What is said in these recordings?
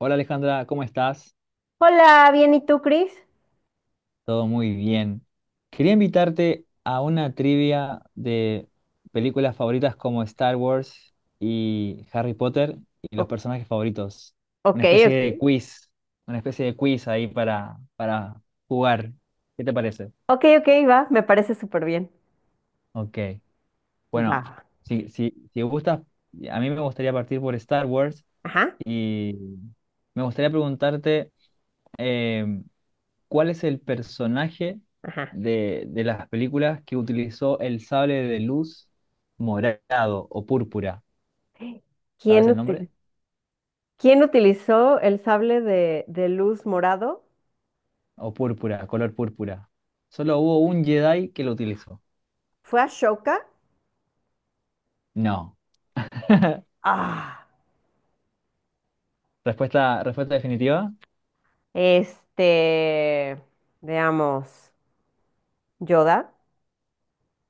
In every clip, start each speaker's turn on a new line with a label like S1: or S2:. S1: Hola Alejandra, ¿cómo estás?
S2: Hola, bien, ¿y tú, Cris?
S1: Todo muy bien. Quería invitarte a una trivia de películas favoritas como Star Wars y Harry Potter y los
S2: O-
S1: personajes favoritos. Una
S2: ok,
S1: especie
S2: ok.
S1: de quiz, una especie de quiz ahí para jugar. ¿Qué te parece?
S2: Ok, ok, va, me parece súper bien.
S1: Ok. Bueno,
S2: Va.
S1: si gustas, a mí me gustaría partir por Star Wars
S2: Ajá,
S1: y me gustaría preguntarte... em, ¿cuál es el personaje
S2: ajá.
S1: de las películas que utilizó el sable de luz morado o púrpura?
S2: ¿Quién
S1: ¿Sabes el nombre?
S2: util- quién utilizó el sable de luz morado?
S1: O púrpura, color púrpura. Solo hubo un Jedi que lo utilizó.
S2: ¿Fue Ashoka?
S1: No.
S2: Ah,
S1: Respuesta, respuesta definitiva.
S2: este, veamos, Yoda.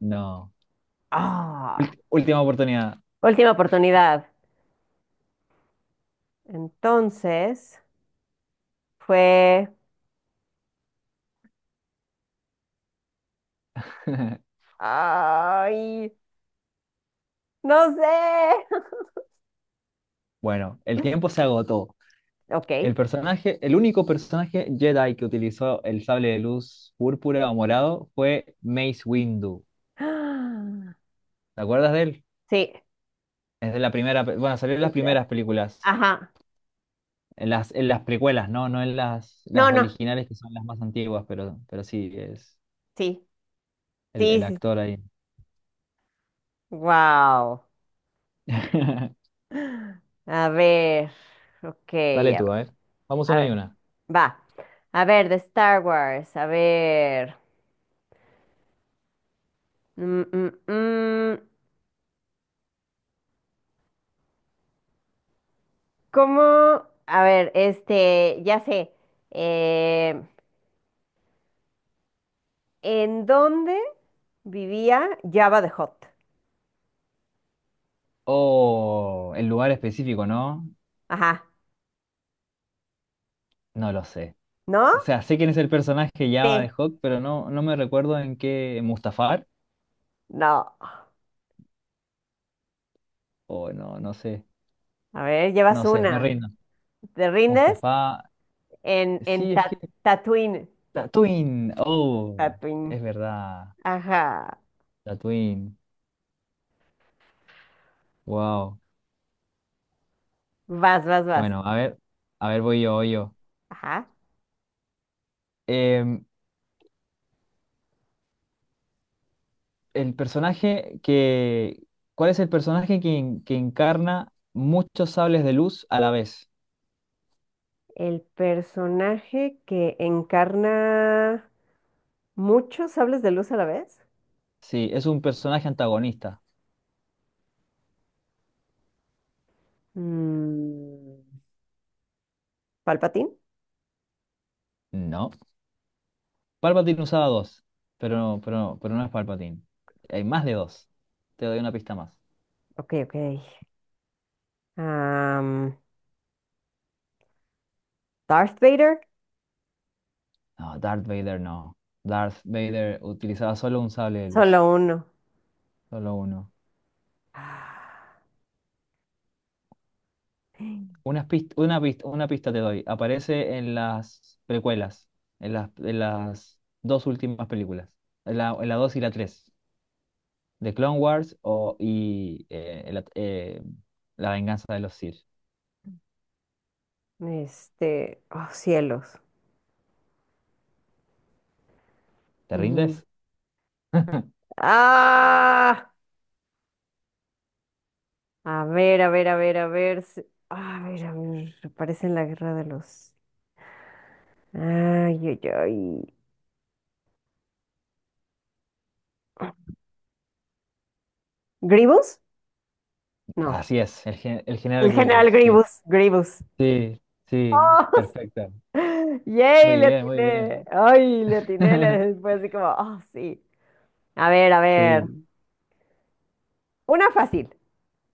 S1: No.
S2: Ah,
S1: Última oportunidad.
S2: última oportunidad. Entonces, fue... Ay, no sé.
S1: Bueno, el tiempo se agotó. El
S2: Ok.
S1: personaje, el único personaje Jedi que utilizó el sable de luz púrpura o morado fue Mace Windu.
S2: Ah,
S1: ¿Te acuerdas de él?
S2: sí.
S1: Es de la primera, bueno, salió en las
S2: eh, eh,
S1: primeras películas,
S2: Ajá.
S1: en las precuelas, ¿no? No en
S2: No,
S1: las
S2: no.
S1: originales que son las más antiguas, pero sí, es
S2: Sí.
S1: el
S2: Sí, sí.
S1: actor ahí.
S2: Wow. A ver. Ok,
S1: Dale
S2: a ver.
S1: tú, a ver. Vamos
S2: A
S1: una y
S2: ver.
S1: una.
S2: Va. A ver, de Star Wars. A ver. Mm, mm, mm. ¿Cómo? A ver, este, ya sé. Eh, ¿En dónde vivía Jabba the Hutt?
S1: Oh, el lugar específico, ¿no?
S2: Ajá.
S1: No lo sé.
S2: ¿No?
S1: O sea, sé quién es el personaje ya
S2: Sí.
S1: de Hawk, pero no, no me recuerdo en qué. ¿Mustafar?
S2: No.
S1: O no, no sé.
S2: A ver, llevas
S1: No sé, me
S2: una.
S1: rindo.
S2: ¿Te rindes?
S1: Mustafa.
S2: En, en
S1: Sí, es
S2: Ta-
S1: que.
S2: Tatooine.
S1: Tatooine. Oh,
S2: Tatooine.
S1: es verdad.
S2: Ajá,
S1: Tatooine. Wow.
S2: vas, vas, vas.
S1: Bueno, a ver, voy yo.
S2: Ajá.
S1: Em, el personaje que, ¿cuál es el personaje que, que encarna muchos sables de luz a la vez?
S2: El personaje que encarna muchos sables de luz a la vez.
S1: Sí, es un personaje antagonista.
S2: Mm, Palpatine.
S1: No. Palpatine usaba dos, pero no, pero no es Palpatine. Hay más de dos. Te doy una pista más.
S2: Ok, ok. Am, Darth Vader.
S1: No, Darth Vader no. Darth Vader utilizaba solo un sable de luz,
S2: Solo uno.
S1: solo uno.
S2: Ah,
S1: Una pista, una pista, una pista te doy. Aparece en las precuelas, en las dos últimas películas, en la 2 y la 3 de Clone Wars o, y la, La venganza de los Sith.
S2: este, oh cielos.
S1: ¿Te
S2: Mm,
S1: rindes?
S2: Ah, a ver, a ver, a ver, a ver. A ver, a ver. Aparece en la guerra de los. Ay, ay, ay. ¿Grievous? No.
S1: Así es, el general
S2: El general
S1: Grievous. Sí,
S2: Grievous, Grievous.
S1: sí, sí,
S2: ¡Oh!
S1: perfecto.
S2: ¡Yay!
S1: Muy
S2: Le
S1: bien, muy
S2: atiné.
S1: bien.
S2: ¡Ay! Le atiné. Le... Fue así como, ¡oh, sí! A ver, a ver.
S1: Sí,
S2: Una fácil.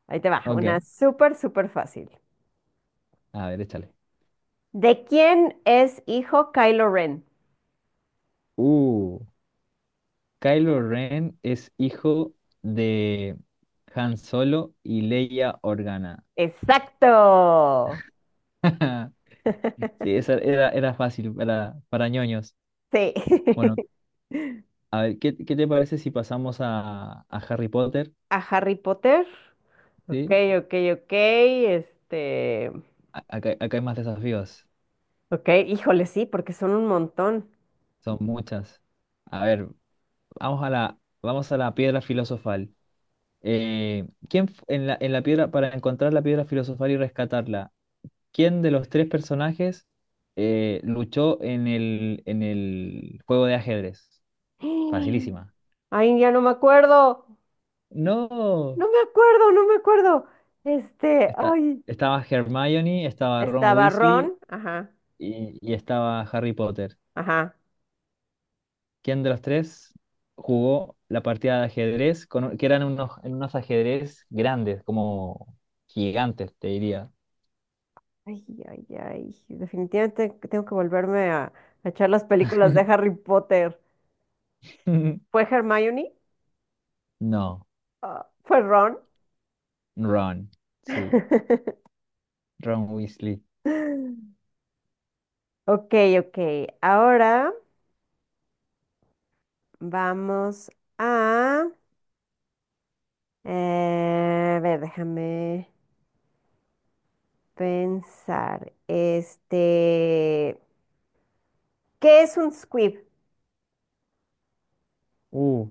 S2: Ahí te va.
S1: ok.
S2: Una súper, súper fácil.
S1: A ver, échale.
S2: ¿De quién es hijo Kylo Ren?
S1: Uh. Kylo Ren es hijo de Han Solo y Leia Organa.
S2: ¡Exacto!
S1: Sí, esa era, era fácil para ñoños.
S2: Sí.
S1: Bueno, a ver, ¿qué te parece si pasamos a Harry Potter?
S2: A Harry Potter. Ok,
S1: ¿Sí?
S2: ok, ok. Este.
S1: Acá hay más desafíos,
S2: Ok, híjole, sí, porque son un montón.
S1: son muchas. A ver, vamos a la piedra filosofal. ¿ En la piedra, para encontrar la piedra filosofal y rescatarla, ¿quién de los tres personajes luchó en el juego de ajedrez? Facilísima.
S2: Ay, ya no me acuerdo.
S1: No.
S2: No me acuerdo, no me acuerdo. Este,
S1: Está,
S2: ay,
S1: Estaba Hermione, estaba Ron
S2: estaba
S1: Weasley
S2: Ron, ajá,
S1: y estaba Harry Potter.
S2: ajá.
S1: ¿Quién de los tres jugó la partida de ajedrez con que eran unos, en unos ajedrez grandes, como gigantes, te diría?
S2: Ay, ay, ay. Definitivamente que tengo que volverme a echar las películas de Harry Potter. ¿Fue Hermione?
S1: No,
S2: Ah, ¿fue Ron?
S1: Ron. Sí, Ron Weasley.
S2: Ok, ok. Ahora vamos a... a ver, déjame pensar. Este, ¿qué es un squib?
S1: Uh,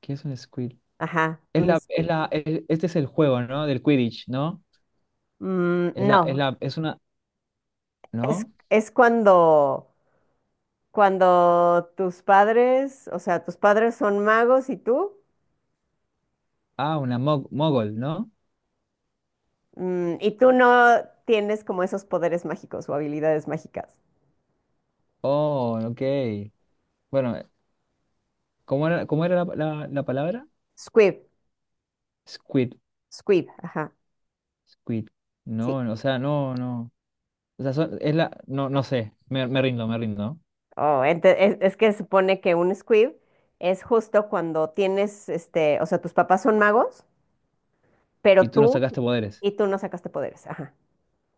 S1: ¿Qué es un Squid?
S2: Ajá, un squib.
S1: Este es el juego, ¿no? Del Quidditch, ¿no?
S2: Mm, no,
S1: Es una,
S2: Es,
S1: ¿no?
S2: es cuando tus padres, o sea, tus padres son magos y tú,
S1: Ah, una mogol, ¿no?
S2: mm, y tú no tienes como esos poderes mágicos o habilidades mágicas.
S1: Oh, ok. Bueno, ¿cómo era la palabra?
S2: Squib,
S1: Squid,
S2: squib, ajá,
S1: squid.
S2: sí.
S1: No, no, o sea, no, no. O sea, no, no sé. Me rindo, me rindo.
S2: Oh, es que supone que un squib es justo cuando tienes, este, o sea, tus papás son magos, pero
S1: Y tú no
S2: tú,
S1: sacaste poderes.
S2: y tú no sacaste poderes, ajá.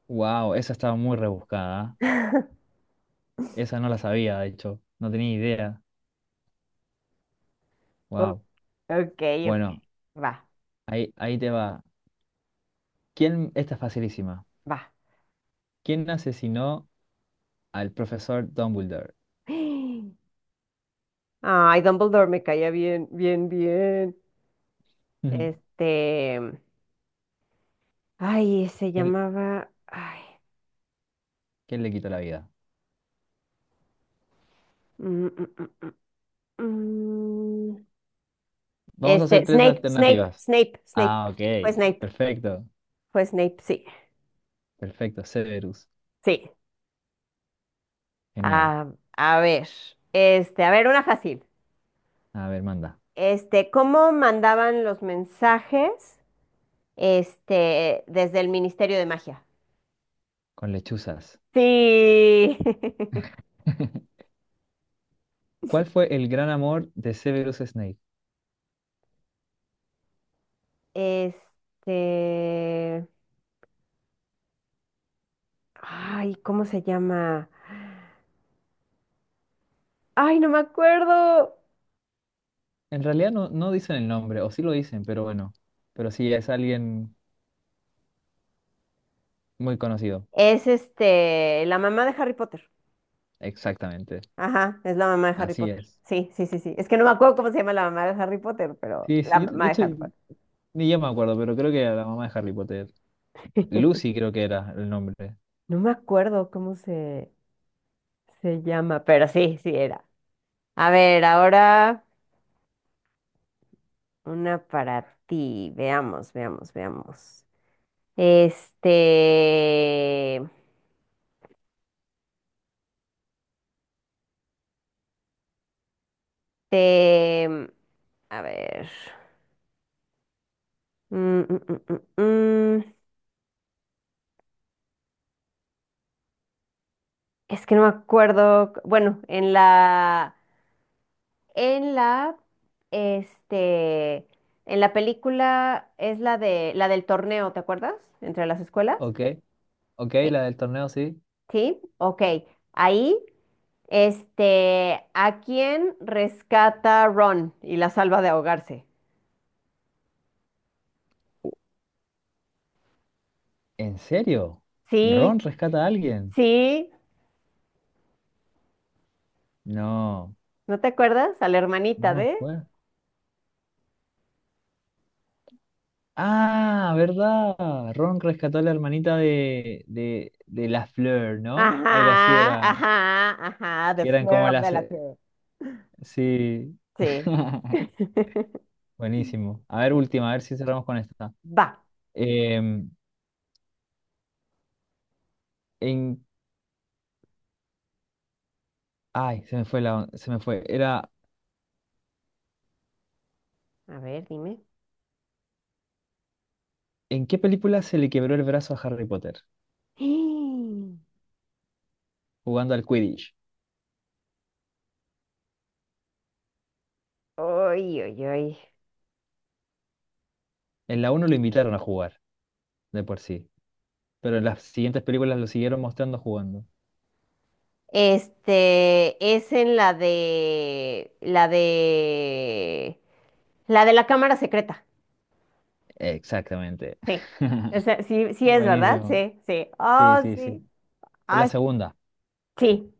S1: Wow, esa estaba muy rebuscada. ¿Eh? Esa no la sabía, de hecho. No tenía idea.
S2: O-
S1: Wow.
S2: Ok, ok,
S1: Bueno,
S2: va,
S1: ahí, ahí te va. ¿Quién? Esta es facilísima.
S2: va.
S1: ¿Quién asesinó al profesor Dumbledore?
S2: Ay, Dumbledore me caía bien, bien, bien.
S1: Ujú.
S2: Este, ay, se
S1: ¿Quién,
S2: llamaba, ay,
S1: Quién le quitó la vida?
S2: mm, mm, mm, mm, mm.
S1: Vamos a
S2: Este,
S1: hacer tres
S2: Snape, Snape,
S1: alternativas.
S2: Snape, Snape.
S1: Ah, ok.
S2: Fue Snape,
S1: Perfecto.
S2: fue Snape, sí,
S1: Perfecto. Severus.
S2: sí.
S1: Genial.
S2: Ah, a ver, este, a ver, una fácil.
S1: A ver, manda.
S2: Este, ¿cómo mandaban los mensajes, este, desde el Ministerio de Magia?
S1: Con lechuzas.
S2: Sí.
S1: ¿Cuál fue el gran amor de Severus Snape?
S2: Este, ay, ¿cómo se llama? Ay, no me acuerdo.
S1: En realidad no, no dicen el nombre, o sí lo dicen, pero bueno. Pero sí es alguien muy conocido.
S2: Es este, la mamá de Harry Potter.
S1: Exactamente.
S2: Ajá, es la mamá de Harry
S1: Así
S2: Potter.
S1: es.
S2: Sí, sí, sí, sí. Es que no me acuerdo cómo se llama la mamá de Harry Potter, pero
S1: Sí,
S2: la
S1: sí.
S2: mamá
S1: De
S2: de
S1: hecho,
S2: Harry Potter.
S1: ni yo me acuerdo, pero creo que era la mamá de Harry Potter. Lucy creo que era el nombre.
S2: No me acuerdo cómo se llama, pero sí, sí era. A ver, ahora una para ti. Veamos, veamos, veamos. Este, te, a ver. Mm, mm, mm, mm, mm. Es que no me acuerdo. Bueno, en la, este, en la película es la de, la del torneo, ¿te acuerdas? Entre las escuelas.
S1: Ok. Ok,
S2: Eh,
S1: la del torneo, sí.
S2: Sí, ok. Ahí, este, ¿a quién rescata Ron y la salva de ahogarse?
S1: ¿En serio?
S2: Sí,
S1: ¿Ron rescata a alguien?
S2: sí,
S1: No,
S2: ¿no te acuerdas? A la
S1: no
S2: hermanita
S1: me
S2: de.
S1: acuerdo. Ah, ¿verdad? Ron rescató a la hermanita de la Fleur, ¿no? Algo así
S2: Ajá,
S1: era,
S2: ajá, ajá, The
S1: que eran
S2: Flare
S1: como
S2: of
S1: las...
S2: Delacour.
S1: sí.
S2: Sí.
S1: Buenísimo. A ver,
S2: Sí.
S1: última, a ver si cerramos con esta.
S2: Va.
S1: Em, en... Ay, se me fue la... se me fue. Era,
S2: A ver, dime.
S1: ¿en qué película se le quebró el brazo a Harry Potter? Jugando al Quidditch.
S2: ¡Ay, ay, ay!
S1: En la uno lo invitaron a jugar, de por sí. Pero las siguientes películas lo siguieron mostrando jugando.
S2: Este es en la de la cámara secreta.
S1: Exactamente.
S2: Sí. Sí, sí es, ¿verdad?
S1: Buenísimo.
S2: Sí, sí.
S1: Sí,
S2: Oh,
S1: sí,
S2: sí.
S1: sí. Es la
S2: Ah,
S1: segunda.
S2: sí.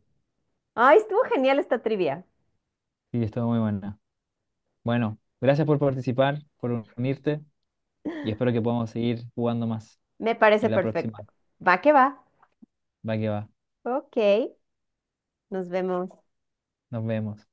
S2: Ay, estuvo genial esta trivia.
S1: Sí, estuvo muy buena. Bueno, gracias por participar, por unirte y espero que podamos seguir jugando más
S2: Me
S1: en
S2: parece
S1: la
S2: perfecto.
S1: próxima.
S2: Va que va.
S1: Va que va.
S2: Ok, nos vemos.
S1: Nos vemos.